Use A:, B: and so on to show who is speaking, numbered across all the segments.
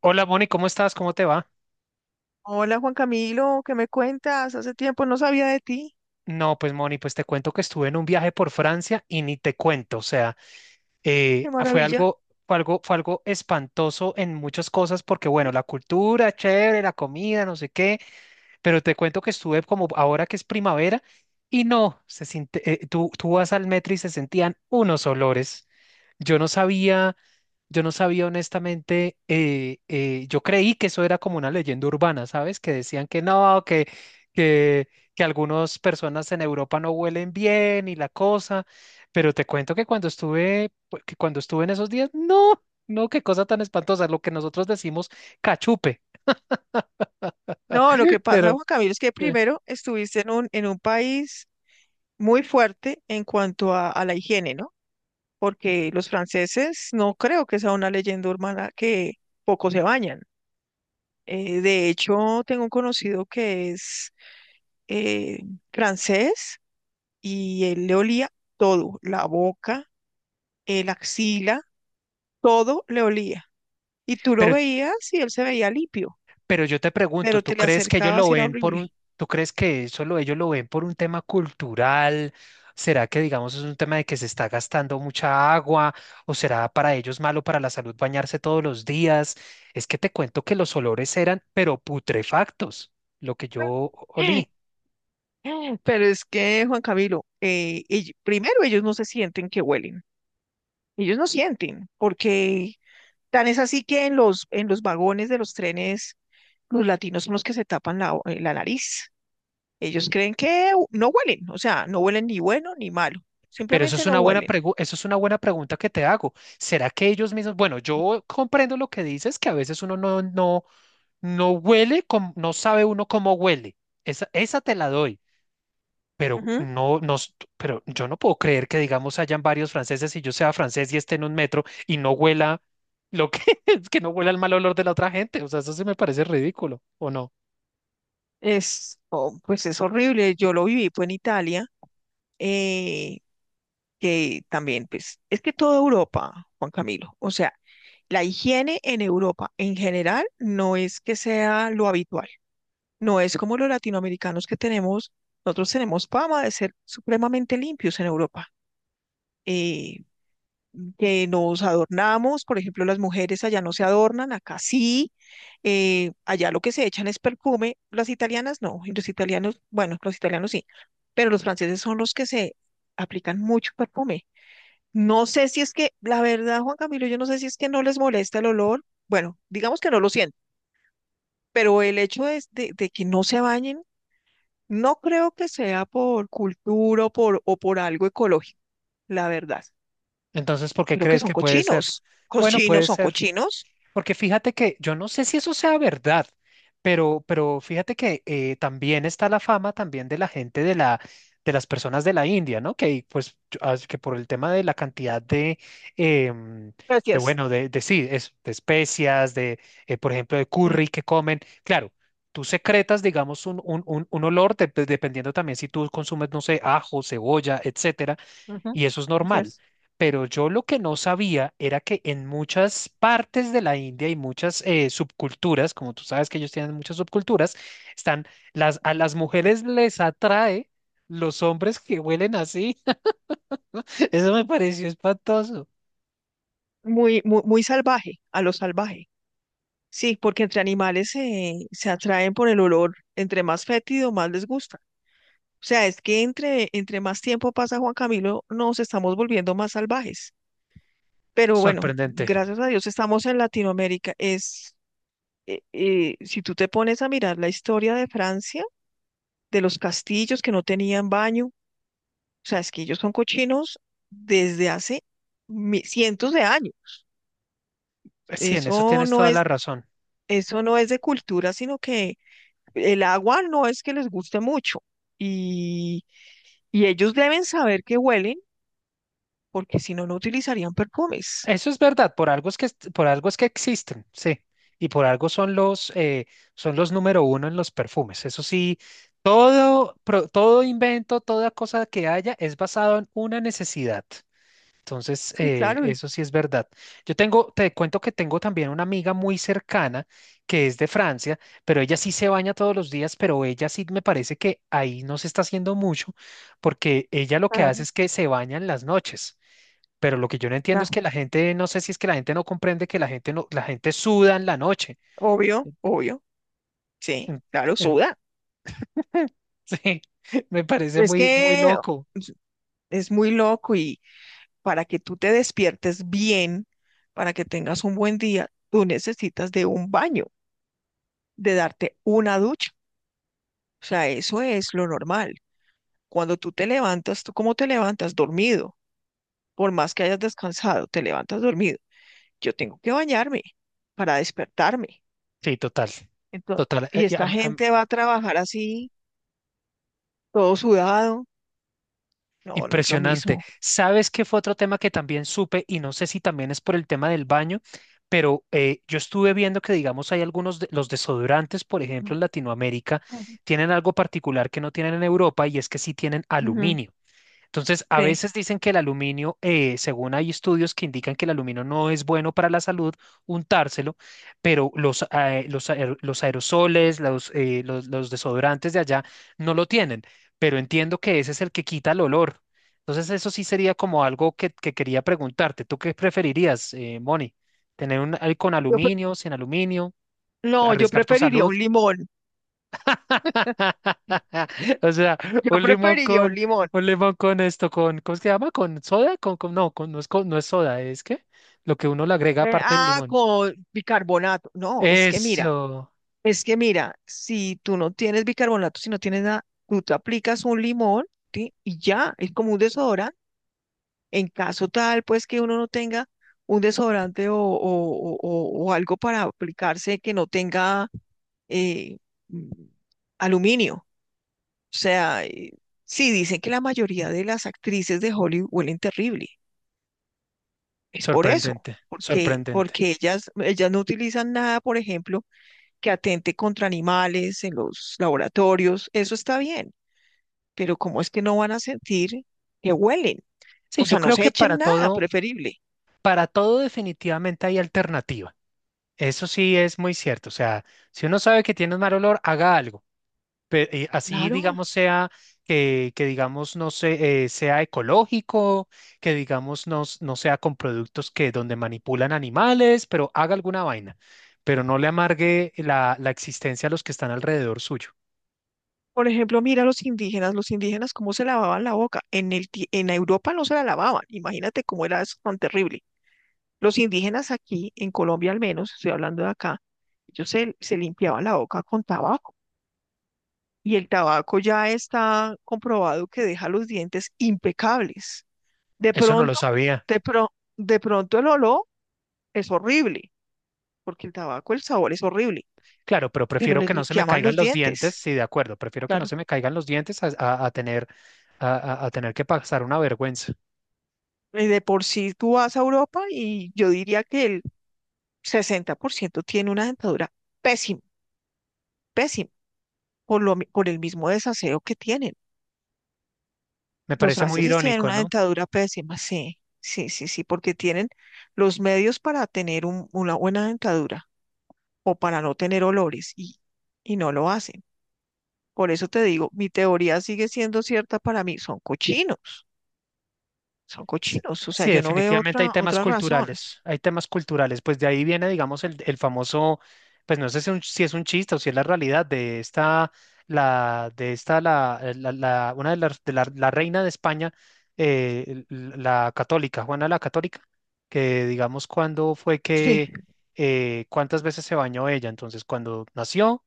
A: Hola Moni, ¿cómo estás? ¿Cómo te va?
B: Hola Juan Camilo, ¿qué me cuentas? Hace tiempo no sabía de ti.
A: No, pues Moni, pues te cuento que estuve en un viaje por Francia y ni te cuento, o sea,
B: Qué
A: fue
B: maravilla.
A: algo, fue algo, fue algo espantoso en muchas cosas porque bueno, la cultura, chévere, la comida, no sé qué, pero te cuento que estuve como ahora que es primavera y no, se siente, tú vas al metro y se sentían unos olores. Yo no sabía, yo no sabía honestamente, yo creí que eso era como una leyenda urbana, ¿sabes? Que decían que no, que, que algunas personas en Europa no huelen bien y la cosa, pero te cuento que cuando estuve en esos días, no, no, qué cosa tan espantosa, lo que nosotros decimos cachupe,
B: No, lo que pasa,
A: pero,
B: Juan Camilo, es que
A: eh,
B: primero estuviste en un país muy fuerte en cuanto a la higiene, ¿no? Porque los franceses no creo que sea una leyenda urbana que poco se bañan. De hecho, tengo un conocido que es eh, francés y él le olía todo, la boca, el axila, todo le olía. Y tú lo
A: pero
B: veías y él se veía limpio.
A: Pero yo te pregunto,
B: Pero te le acercabas y era horrible.
A: tú crees que ellos lo ven por un tema cultural? ¿Será que, digamos, es un tema de que se está gastando mucha agua? ¿O será para ellos malo para la salud bañarse todos los días? Es que te cuento que los olores eran, pero putrefactos, lo que yo olí.
B: Pero es que, Juan Camilo, primero ellos no se sienten que huelen, ellos no sienten, porque tan es así que en los vagones de los trenes los latinos son los que se tapan la nariz. Ellos creen que no huelen, o sea, no huelen ni bueno ni malo,
A: Pero
B: simplemente no huelen.
A: eso es una buena pregunta que te hago. ¿Será que ellos mismos, bueno, yo comprendo lo que dices, que a veces uno no huele, no sabe uno cómo huele. Esa te la doy. Pero
B: Ujú.
A: no, no, yo no puedo creer que, digamos, hayan varios franceses y yo sea francés y esté en un metro y no huela lo que es que no huela el mal olor de la otra gente. O sea, eso sí me parece ridículo, ¿o no?
B: Oh, pues es horrible, yo lo viví fue en Italia, eh, que también, pues, es que toda Europa, Juan Camilo, o sea, la higiene en Europa en general no es que sea lo habitual, no es como los latinoamericanos que tenemos, nosotros tenemos fama de ser supremamente limpios en Europa, eh, que nos adornamos, por ejemplo, las mujeres allá no se adornan, acá sí, allá lo que se echan es perfume, las italianas no, y los italianos, bueno, los italianos sí, pero los franceses son los que se aplican mucho perfume. No sé si es que, la verdad, Juan Camilo, yo no sé si es que no les molesta el olor. Bueno, digamos que no lo sienten, pero el hecho es de que no se bañen, no creo que sea por cultura o o por algo ecológico, la verdad.
A: Entonces, ¿por qué
B: Creo que
A: crees
B: son
A: que puede ser?
B: cochinos.
A: Bueno,
B: Cochinos,
A: puede
B: son
A: ser.
B: cochinos.
A: Porque fíjate que yo no sé si eso sea verdad, pero fíjate que también está la fama también de la gente de las personas de la India, ¿no? Que pues que por el tema de la cantidad de, em, de
B: Gracias.
A: bueno, de sí, de especias, de, por ejemplo, de
B: Sí.
A: curry que comen. Claro, tú secretas, digamos, un olor, dependiendo también si tú consumes, no sé, ajo, cebolla, etcétera
B: Ujú,
A: y eso es normal.
B: así.
A: Pero yo lo que no sabía era que en muchas partes de la India y muchas subculturas, como tú sabes que ellos tienen muchas subculturas, están las a las mujeres les atrae los hombres que huelen así. Eso me pareció espantoso.
B: Muy, muy, muy salvaje, a lo salvaje. Sí, porque entre animales se atraen por el olor. Entre más fétido, más les gusta. O sea, es que entre, más tiempo pasa Juan Camilo, nos estamos volviendo más salvajes. Pero bueno,
A: Sorprendente.
B: gracias a Dios estamos en Latinoamérica. Si tú te pones a mirar la historia de Francia, de los castillos que no tenían baño, o sea, es que ellos son cochinos desde hace cientos de años.
A: Sí, en eso
B: Eso
A: tienes
B: no
A: toda la
B: es,
A: razón.
B: eso no es de cultura, sino que el agua no es que les guste mucho. Y, y ellos deben saber que huelen porque si no, no utilizarían perfumes.
A: Eso es verdad, por algo es que existen, sí, y por algo son son los número uno en los perfumes. Eso sí, todo invento, toda cosa que haya es basado en una necesidad. Entonces,
B: Sí, claro.
A: eso sí es verdad. Te cuento que tengo también una amiga muy cercana que es de Francia, pero ella sí se baña todos los días, pero ella sí me parece que ahí no se está haciendo mucho, porque ella lo que
B: Ah,
A: hace es que se baña en las noches. Pero lo que yo no entiendo es
B: claro.
A: que la gente, no sé si es que la gente no comprende que la gente no, la gente suda en la noche.
B: Obvio, obvio. Sí,
A: En-
B: claro,
A: en-
B: suda.
A: Sí, me parece
B: Es
A: muy, muy
B: que
A: loco.
B: es muy loco y para que tú te despiertes bien, para que tengas un buen día, tú necesitas de un baño, de darte una ducha. O sea, eso es lo normal. Cuando tú te levantas, ¿tú cómo te levantas? Dormido. Por más que hayas descansado, te levantas dormido. Yo tengo que bañarme para despertarme.
A: Sí, total,
B: Entonces,
A: total,
B: y
A: y
B: esta gente va a trabajar así, todo sudado. No, no es lo
A: impresionante.
B: mismo.
A: ¿Sabes qué fue otro tema que también supe? Y no sé si también es por el tema del baño, pero yo estuve viendo que, digamos, hay algunos, los desodorantes, por ejemplo,
B: Mm.
A: en Latinoamérica, tienen algo particular que no tienen en Europa y es que sí tienen
B: Ujú,
A: aluminio. Entonces, a
B: sí.
A: veces dicen que el aluminio, según hay estudios que indican que el aluminio no es bueno para la salud untárselo, pero los aerosoles, los desodorantes de allá no lo tienen, pero entiendo que ese es el que quita el olor. Entonces, eso sí sería como algo que quería preguntarte. ¿Tú qué preferirías, Moni? ¿Tener un con
B: Yo pre-
A: aluminio, sin aluminio?
B: no, yo
A: ¿Arriesgar tu
B: preferiría
A: salud?
B: un limón.
A: O sea,
B: Yo
A: un limón
B: preferiría un
A: con,
B: limón.
A: un limón con esto, con, ¿cómo es que se llama? ¿Con soda? Con, no, con, no es soda, es que lo que uno le agrega
B: Eh,
A: aparte del
B: ah,
A: limón.
B: con bicarbonato. No, es que mira,
A: Eso,
B: es que mira, si tú no tienes bicarbonato, si no tienes nada, tú te aplicas un limón, ¿sí? Y ya, es como un desodorante. En caso tal, pues que uno no tenga un desodorante o algo para aplicarse que no tenga eh, mm, aluminio. O sea, sí, dicen que la mayoría de las actrices de Hollywood huelen terrible. Es por eso,
A: sorprendente,
B: porque,
A: sorprendente.
B: porque ellas no utilizan nada, por ejemplo, que atente contra animales en los laboratorios. Eso está bien, pero ¿cómo es que no van a sentir que huelen? O
A: Sí, yo
B: sea, no
A: creo
B: se
A: que
B: echen
A: para
B: nada,
A: todo,
B: preferible.
A: para todo definitivamente hay alternativa. Eso sí es muy cierto. O sea, si uno sabe que tiene un mal olor, haga algo. Así,
B: Claro.
A: digamos, sea que digamos, no sé, sea ecológico, que digamos, no, no sea con productos que donde manipulan animales, pero haga alguna vaina, pero no le amargue la existencia a los que están alrededor suyo.
B: Por ejemplo, mira los indígenas cómo se lavaban la boca. En Europa no se la lavaban. Imagínate cómo era eso tan terrible. Los indígenas aquí, en Colombia al menos, estoy hablando de acá, ellos se limpiaban la boca con tabaco y el tabaco ya está comprobado que deja los dientes impecables. De
A: Eso no lo
B: pronto,
A: sabía.
B: de pronto el olor es horrible, porque el tabaco, el sabor es horrible,
A: Claro, pero
B: pero
A: prefiero
B: les
A: que no se me
B: limpiaban los
A: caigan los dientes,
B: dientes.
A: sí, de acuerdo, prefiero que no
B: Claro.
A: se me caigan los dientes a, a tener que pasar una vergüenza.
B: Y de por sí tú vas a Europa y yo diría que el 60% tiene una dentadura pésima, pésima, por el mismo desaseo que tienen.
A: Me
B: Los
A: parece muy
B: franceses tienen
A: irónico,
B: una
A: ¿no?
B: dentadura pésima, sí, sí, sí, sí, porque tienen los medios para tener una buena dentadura o para no tener olores y no lo hacen. Por eso te digo, mi teoría sigue siendo cierta para mí, son
A: S-
B: cochinos, o sea,
A: Sí,
B: yo no veo
A: definitivamente
B: otra, otra razón.
A: hay temas culturales, pues de ahí viene, digamos, el famoso, pues no sé si, si es un chiste o si es la realidad de esta, la- la- una de las, de la, la reina de España, la católica, Juana la Católica, que digamos
B: Sí,
A: cuántas veces se bañó ella, entonces cuando nació,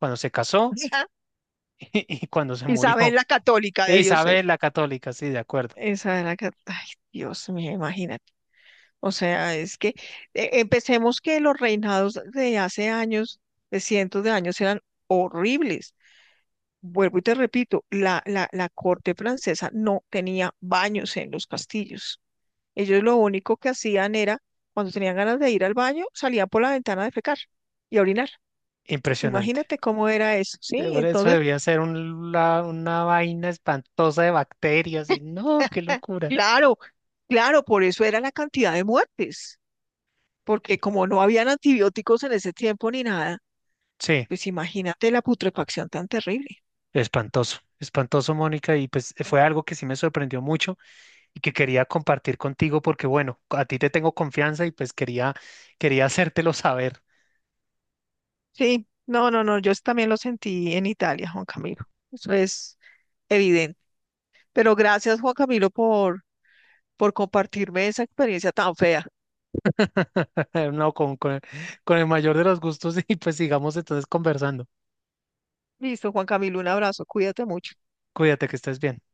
A: cuando se casó y cuando se
B: Isabel
A: murió.
B: la Católica
A: E
B: debió ser.
A: Isabel la Católica, sí, de acuerdo,
B: Isabel la Católica, ay, Dios mío, imagínate. O sea, es que empecemos que los reinados de hace años, de cientos de años, eran horribles. Vuelvo y te repito, la corte francesa no tenía baños en los castillos. Ellos lo único que hacían era, cuando tenían ganas de ir al baño, salían por la ventana a defecar y a orinar.
A: impresionante.
B: Imagínate cómo era eso, ¿sí?
A: Por eso
B: Entonces,
A: debía ser una vaina espantosa de bacterias y no, qué locura.
B: claro, claro, por eso era la cantidad de muertes, porque como no habían antibióticos en ese tiempo ni nada.
A: Sí,
B: Pues imagínate la putrefacción tan terrible.
A: espantoso, espantoso, Mónica, y pues fue algo que sí me sorprendió mucho y que quería compartir contigo porque, bueno, a ti te tengo confianza y pues quería, hacértelo saber.
B: Sí, no, no, no, yo eso también lo sentí en Italia, Juan Camilo. Eso es evidente. Pero gracias, Juan Camilo, por compartirme esa experiencia tan fea.
A: No, con el mayor de los gustos y pues sigamos entonces conversando.
B: Listo, Juan Camilo, un abrazo, cuídate mucho.
A: Cuídate que estés bien.